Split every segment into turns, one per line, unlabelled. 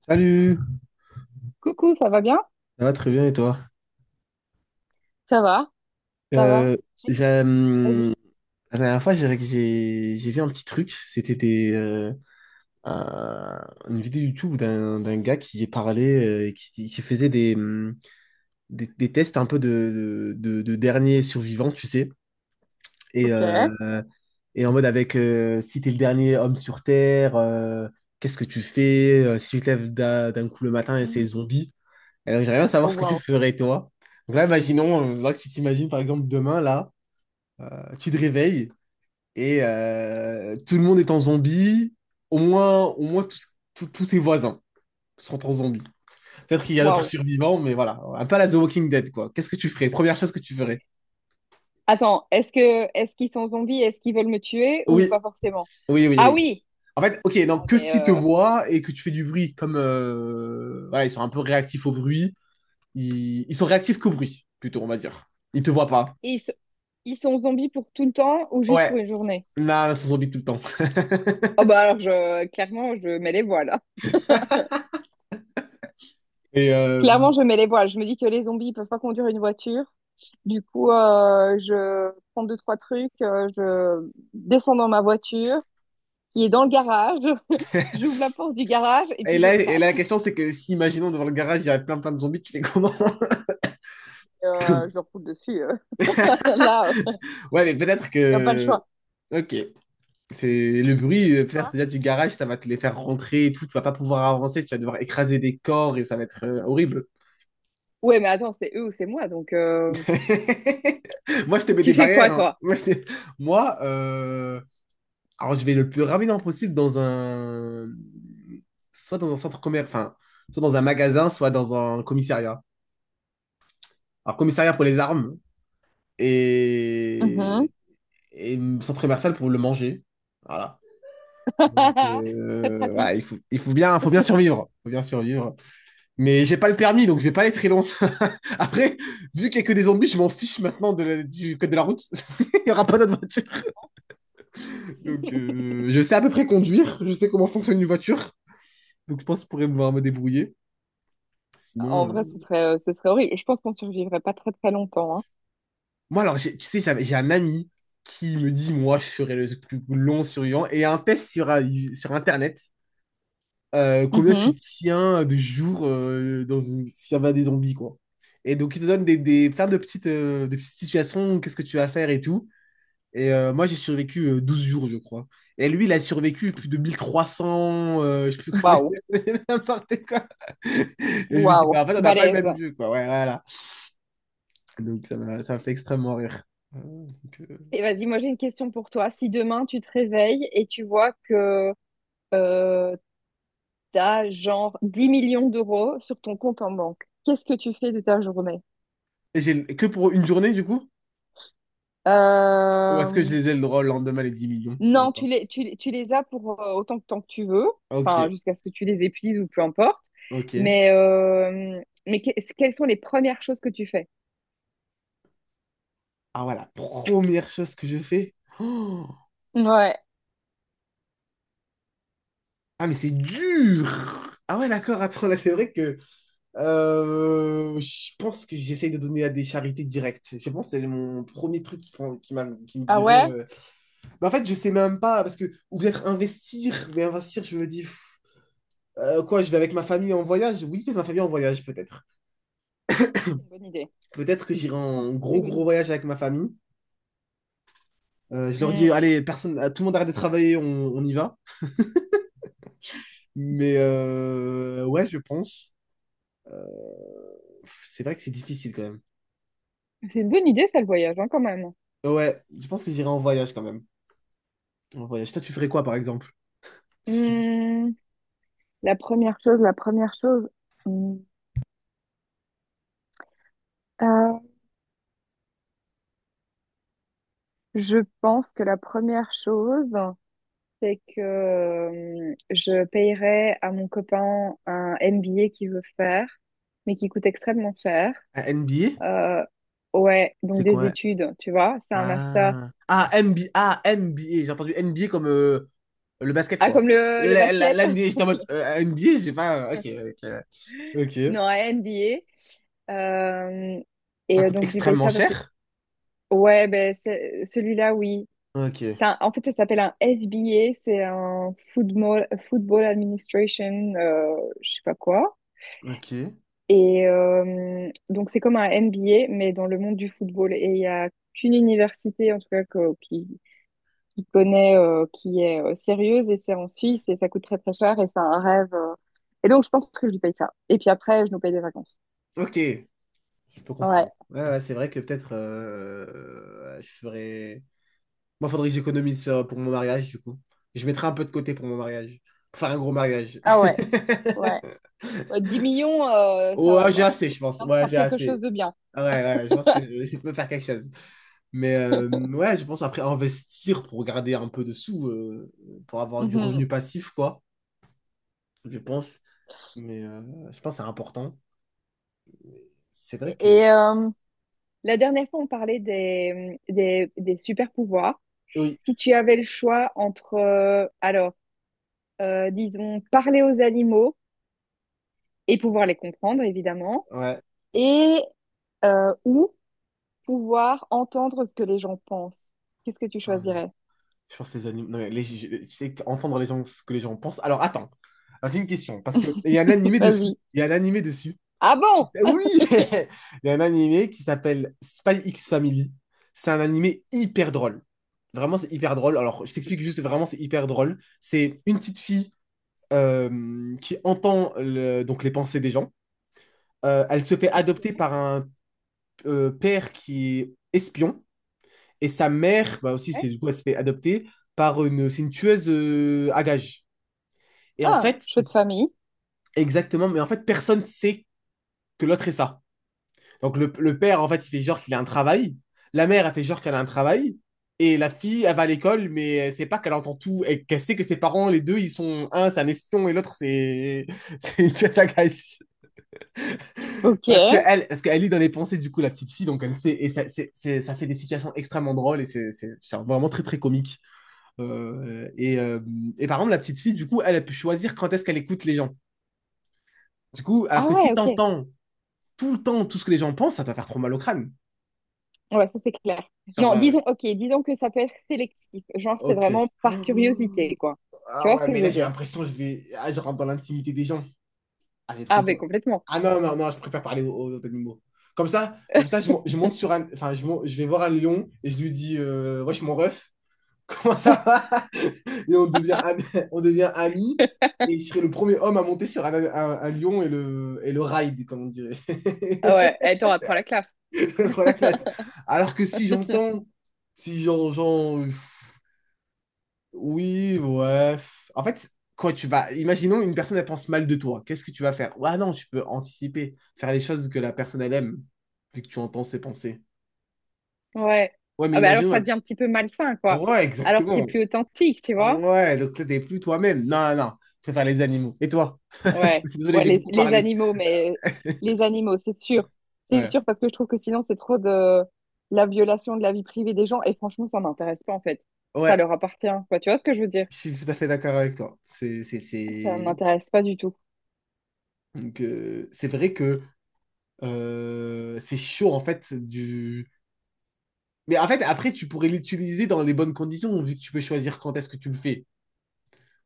Salut,
Coucou, ça va bien?
ça va très bien et toi?
Ça va, ça va,
Euh, j'ai,
vas-y.
hum, la dernière fois, j'ai vu un petit truc. C'était une vidéo YouTube d'un gars qui parlait, et qui faisait des tests un peu de dernier survivant, tu sais. Et,
Ok.
euh, et en mode avec, si t'es le dernier homme sur Terre, qu'est-ce que tu fais? Si tu te lèves d'un coup le matin et c'est zombie. Et donc, j'aimerais bien
Oh
savoir ce que tu
waouh,
ferais, toi. Donc là, imaginons, là, que tu t'imagines, par exemple, demain, là, tu te réveilles et, tout le monde est en zombie. Au moins, tous tes voisins sont en zombie. Peut-être qu'il y a d'autres
waouh.
survivants, mais voilà. Un peu à la The Walking Dead, quoi. Qu'est-ce que tu ferais? Première chose que tu ferais.
Attends, est-ce qu'ils sont zombies? Est-ce qu'ils veulent me tuer ou
Oui,
pas forcément?
oui, oui,
Ah
oui.
oui.
En fait, ok,
Ah
donc que
ben
s'ils te
euh,
voient et que tu fais du bruit, comme, voilà, ils sont un peu réactifs au bruit. Ils sont réactifs qu'au bruit, plutôt, on va dire. Ils te voient pas.
ils, s- ils sont zombies pour tout le temps ou juste pour
Ouais,
une journée?
là, ils sont zombies tout le temps.
Oh bah alors je clairement je mets les voiles.
Et, euh,
Clairement je mets les voiles. Je me dis que les zombies ils peuvent pas conduire une voiture. Du coup je prends deux trois trucs, je descends dans ma voiture qui est dans le garage. J'ouvre la porte du garage et
et
puis je
là, et là,
trace.
la question, c'est que si, imaginons, devant le garage, il y a plein plein de zombies, tu fais comment?
Je leur roule dessus. Là,
Ouais, mais peut-être
il n'y a pas le
que.
choix.
Ok. C'est le bruit,
C'est
peut-être
quoi?
déjà du garage, ça va te les faire rentrer et tout, tu vas pas pouvoir avancer, tu vas devoir écraser des corps et ça va être, horrible.
Ouais, mais attends, c'est eux ou c'est moi, donc
Moi, je te mets des
tu fais
barrières.
quoi,
Hein.
toi?
Moi, alors je vais le plus rapidement possible dans un. Soit dans un centre commercial, enfin, soit dans un magasin, soit dans un commissariat. Alors, commissariat pour les armes,
Mhm.
et, et centre commercial pour le manger. Voilà. Donc,
Très
voilà, il
pratique.
faut, il faut bien, faut bien survivre. Faut bien survivre. Mais j'ai pas le permis, donc je vais pas aller très loin. Après, vu qu'il y a que des zombies, je m'en fiche maintenant du code de la route. Il y aura pas d'autre voiture. Donc, je sais à peu près conduire. Je sais comment fonctionne une voiture. Donc, je pense que je pourrais pouvoir me débrouiller.
En
Sinon,
vrai, ce serait horrible. Je pense qu'on survivrait pas très très longtemps, hein.
moi, alors, tu sais, j'ai un ami qui me dit, moi, je serai le plus long survivant. Et il y a un test sur Internet, combien tu
Mhm.
tiens de jours, s'il y avait des zombies, quoi. Et donc, ils te donnent plein de petites, des petites situations, qu'est-ce que tu vas faire et tout. Et, moi, j'ai survécu, 12 jours, je crois. Et lui, il a survécu plus de 1300, je sais plus combien,
Waouh,
c'est n'importe quoi. Et je lui dis,
waouh.
bah, en fait, on n'a pas le même
Balèze.
jeu, quoi. Ouais, voilà. Donc, ça m'a fait extrêmement rire. Ah, donc,
Et vas-y, moi j'ai une question pour toi. Si demain tu te réveilles et tu vois que euh, t'as genre 10 millions d'euros sur ton compte en banque. Qu'est-ce que tu fais de ta journée?
et j'ai que pour une journée, du coup? Ou est-ce que je
Euh,
les ai le droit le lendemain, les 10 millions
Non,
encore?
tu les as pour autant de temps que tu veux, enfin,
Ok,
jusqu'à ce que tu les épuises ou peu importe.
ok.
Mais, mais que- quelles sont les premières choses que tu fais?
Ah ouais, la première chose que je fais. Oh,
Ouais.
ah, mais c'est dur. Ah ouais, d'accord, attends, là c'est vrai que, je pense que j'essaye de donner à des charités directes. Je pense que c'est mon premier truc qui me
Ah
dirait.
ouais?
Mais en fait, je sais même pas, parce que. Ou peut-être investir, mais investir, je me dis, quoi, je vais avec ma famille en voyage? Oui, peut-être ma famille en voyage, peut-être.
C'est une bonne idée.
Peut-être que j'irai en
Très
gros,
bonne
gros
idée.
voyage avec ma famille. Je leur dis,
Hmm.
allez, personne, tout le monde arrête de travailler, on y va. Mais, ouais, je pense. C'est vrai que c'est difficile quand même.
C'est une bonne idée, ça, le voyage, hein, quand même.
Ouais, je pense que j'irai en voyage quand même. En voyage. Toi, tu ferais quoi par exemple?
Hmm, la première chose, la première chose. hmm, euh, je pense que la première chose, c'est que je payerais à mon copain un MBA qu'il veut faire, mais qui coûte extrêmement cher.
Un NBA?
Euh, ouais, donc
C'est
des
quoi?
études, tu vois, c'est un master.
Ah, ah, NBA, ah, NBA. J'ai entendu NBA comme, le basket
Ah,
quoi.
comme le basket?
La NBA, j'étais en mode, NBA, j'ai pas. Ok, ok. Ok.
Non, un MBA. Euh,
Ça
et
coûte
donc, je lui paye
extrêmement
ça parce que,
cher.
ouais, ben, celui-là, oui.
Ok,
En fait, ça s'appelle un FBA, c'est un Football, Football Administration, je sais pas quoi.
ok.
Et donc, c'est comme un MBA, mais dans le monde du football. Et il y a qu'une université, en tout cas, qui connaît, qui est sérieuse, et c'est en Suisse, et ça coûte très très cher, et c'est un rêve. Et donc, je pense que je lui paye ça. Et puis après, je nous paye des vacances.
Ok, je peux
Ouais.
comprendre. Ouais, ouais, c'est vrai que peut-être, je ferais. Moi, faudrait que j'économise, pour mon mariage, du coup. Je mettrai un peu de côté pour mon mariage. Pour faire un gros mariage.
Ah ouais, ouais. Ouais, 10 millions, ça va,
Ouais, j'ai
quoi.
assez,
Il
je
est
pense.
bien de
Ouais,
faire
j'ai
quelque chose
assez.
de bien.
Ouais, ouais, ouais, je pense que je peux faire quelque chose. Mais, ouais, je pense après investir pour garder un peu de sous, pour avoir du
Mhm.
revenu passif, quoi. Je pense. Mais, je pense que c'est important. C'est vrai que.
Et la dernière fois, on parlait des, des super pouvoirs.
Oui,
Si tu avais le choix entre alors, disons, parler aux animaux et pouvoir les comprendre, évidemment,
ouais.
et ou pouvoir entendre ce que les gens pensent. Qu'est-ce que tu
Oh, non.
choisirais?
Je pense que les animaux. Non, mais tu sais qu'entendre les gens, ce que les gens pensent. Alors attends. Alors, j'ai une question, parce que il y a un animé dessus.
Vas-y.
Il y a un animé dessus.
Ah bon?
Oui! Il y a un animé qui s'appelle Spy X Family. C'est un animé hyper drôle. Vraiment, c'est hyper drôle. Alors, je t'explique juste, vraiment, c'est hyper drôle. C'est une petite fille, qui entend donc les pensées des gens. Elle se fait adopter par un, père qui est espion. Et sa mère, bah aussi,
Ouais.
c'est du coup, elle se fait adopter par une, c'est une tueuse, à gages. Et en
Ah,
fait,
choix de famille.
exactement, mais en fait, personne sait que l'autre est ça. Donc le père, en fait, il fait genre qu'il a un travail. La mère, elle fait genre qu'elle a un travail. Et la fille, elle va à l'école, mais elle sait pas qu'elle entend tout et qu'elle sait que ses parents, les deux, ils sont un, c'est un espion et l'autre, c'est c'est une tueuse à gages.
Ok.
Parce que elle, parce qu'elle lit dans les pensées du coup la petite fille, donc elle sait et ça, ça fait des situations extrêmement drôles et c'est vraiment très très comique. Euh, et, euh, et par exemple, la petite fille, du coup, elle a pu choisir quand est-ce qu'elle écoute les gens. Du coup, alors
Ah
que si
ouais, ok.
t'entends tout le temps tout ce que les gens pensent, ça va faire trop mal au crâne.
Ouais, ça c'est clair.
Genre,
Non, disons, ok, disons que ça peut être sélectif. Genre, c'est
ok.
vraiment par curiosité, quoi. Tu
Ah
vois ce
ouais,
que
mais
je
là,
veux
j'ai
dire?
l'impression que je vais. Ah, je rentre dans l'intimité des gens. Ah, c'est
Ah,
trop
mais
dur.
complètement.
Ah non, non, non, je préfère parler aux autres animaux. Comme ça je monte sur un. Enfin, je vais voir un lion et je lui dis, Wesh, mon ref. Comment ça va? Et on devient, ami- on devient amis. Et je serai le premier homme à monter sur un lion et le ride, comme on dirait.
Ah ouais, attends, apprends la classe.
Trop la classe. Alors que si j'entends, si j'en, j'en- Oui, ouais. pff. En fait, quand tu vas. Imaginons une personne, elle pense mal de toi. Qu'est-ce que tu vas faire? Ouais, non, tu peux anticiper, faire les choses que la personne, elle aime, vu que tu entends ses pensées.
Ouais.
Ouais, mais
Ah, mais alors que
imaginons.
ça
Elle-
devient un petit peu malsain, quoi.
Ouais,
Alors que t'es
exactement.
plus authentique, tu vois?
Ouais, donc là, t'es plus toi-même. Non, non, non. Je préfère les animaux. Et toi? Je
Ouais,
suis désolé,
ouais,
j'ai beaucoup
les
parlé.
animaux, mais les animaux, c'est sûr. C'est
Ouais,
sûr parce que je trouve que sinon c'est trop de la violation de la vie privée des gens et franchement ça m'intéresse pas en fait. Ça
ouais,
leur appartient, quoi. Tu vois ce que je veux dire?
je suis tout à fait d'accord avec toi. C'est,
Ça
c'est.
m'intéresse pas du tout.
Donc, c'est vrai que, c'est chaud en fait du. Mais en fait, après, tu pourrais l'utiliser dans les bonnes conditions, vu que tu peux choisir quand est-ce que tu le fais.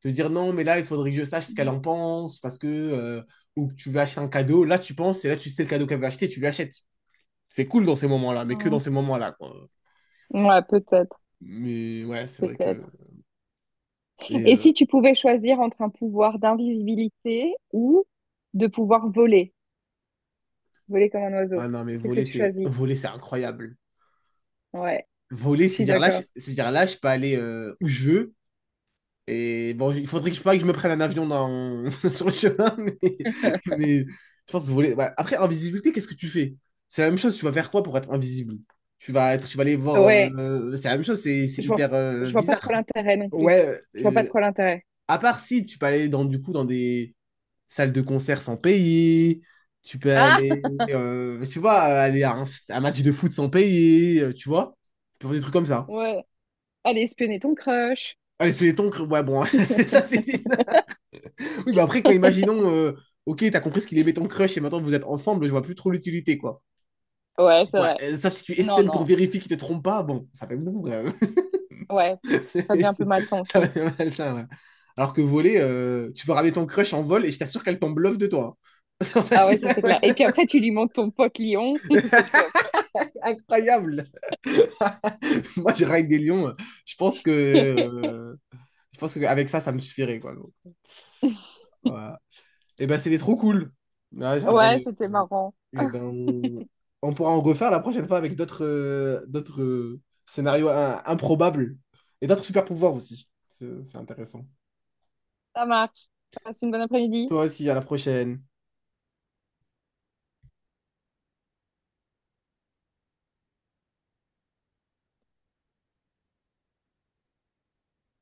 Te dire non, mais là, il faudrait que je sache ce qu'elle
Mhm.
en pense, parce que. Ou que tu veux acheter un cadeau. Là, tu penses, et là, tu sais le cadeau qu'elle veut acheter, tu lui achètes. C'est cool dans ces moments-là, mais que dans ces moments-là, quoi.
Ouais, peut-être,
Mais ouais, c'est vrai que.
peut-être.
Et,
Et si tu pouvais choisir entre un pouvoir d'invisibilité ou de pouvoir voler, voler comme un oiseau,
ah non, mais
qu'est-ce que tu choisis?
voler, c'est incroyable.
Ouais,
Voler,
je
c'est
suis
dire là,
d'accord.
c'est dire là, je peux aller, où je veux. Et bon, il faudrait pas que je me prenne un avion dans, sur le chemin, mais, mais je pense voler. Ouais. Après, invisibilité, qu'est-ce que tu fais? C'est la même chose, tu vas faire quoi pour être invisible? Tu vas aller voir.
Ouais,
C'est la même chose, c'est
je vois,
hyper,
je vois pas trop
bizarre.
l'intérêt non plus.
Ouais,
Je vois pas trop l'intérêt.
à part si tu peux aller dans, du coup, dans des salles de concert sans payer, tu peux aller, tu vois, aller à un match de foot sans payer, tu vois, tu peux faire des trucs comme ça.
Ouais. Allez, espionner ton crush.
Ah, les squelettons, ouais, bon, c'est ça, c'est bizarre. Oui, bah après, quand imaginons, ok, t'as compris ce qu'il est béton crush et maintenant vous êtes ensemble, je vois plus trop l'utilité, quoi.
Ouais, c'est
Ouais,
vrai.
sauf si tu
Non,
espènes pour
non.
vérifier qu'il te trompe pas, bon, ça fait beaucoup, quand même.
Ouais.
C'est-
Ça devient un peu
c'est-
malsain
Ça
aussi.
fait mal, ça, ouais. Alors que voler, tu peux ramener ton crush en vol et je t'assure qu'elle tombe bluff de toi. Hein. Ça va
Ah
dire,
ouais, ça c'est
ouais.
clair. Et puis après, tu lui montres ton pote lion. C'est le top.
Incroyable! Moi, je raille des lions, je pense que, je pense qu'avec ça, ça me suffirait, quoi. Donc, voilà. Et ben, c'était trop cool. Ouais,
Ouais,
j'aimerais.
c'était marrant.
Eh ben, on pourra en refaire la prochaine fois avec d'autres, d'autres,
Yes.
scénarios, improbables et d'autres super pouvoirs aussi. C'est intéressant.
Ça marche. Passe une bonne après-midi.
Toi aussi, à la prochaine.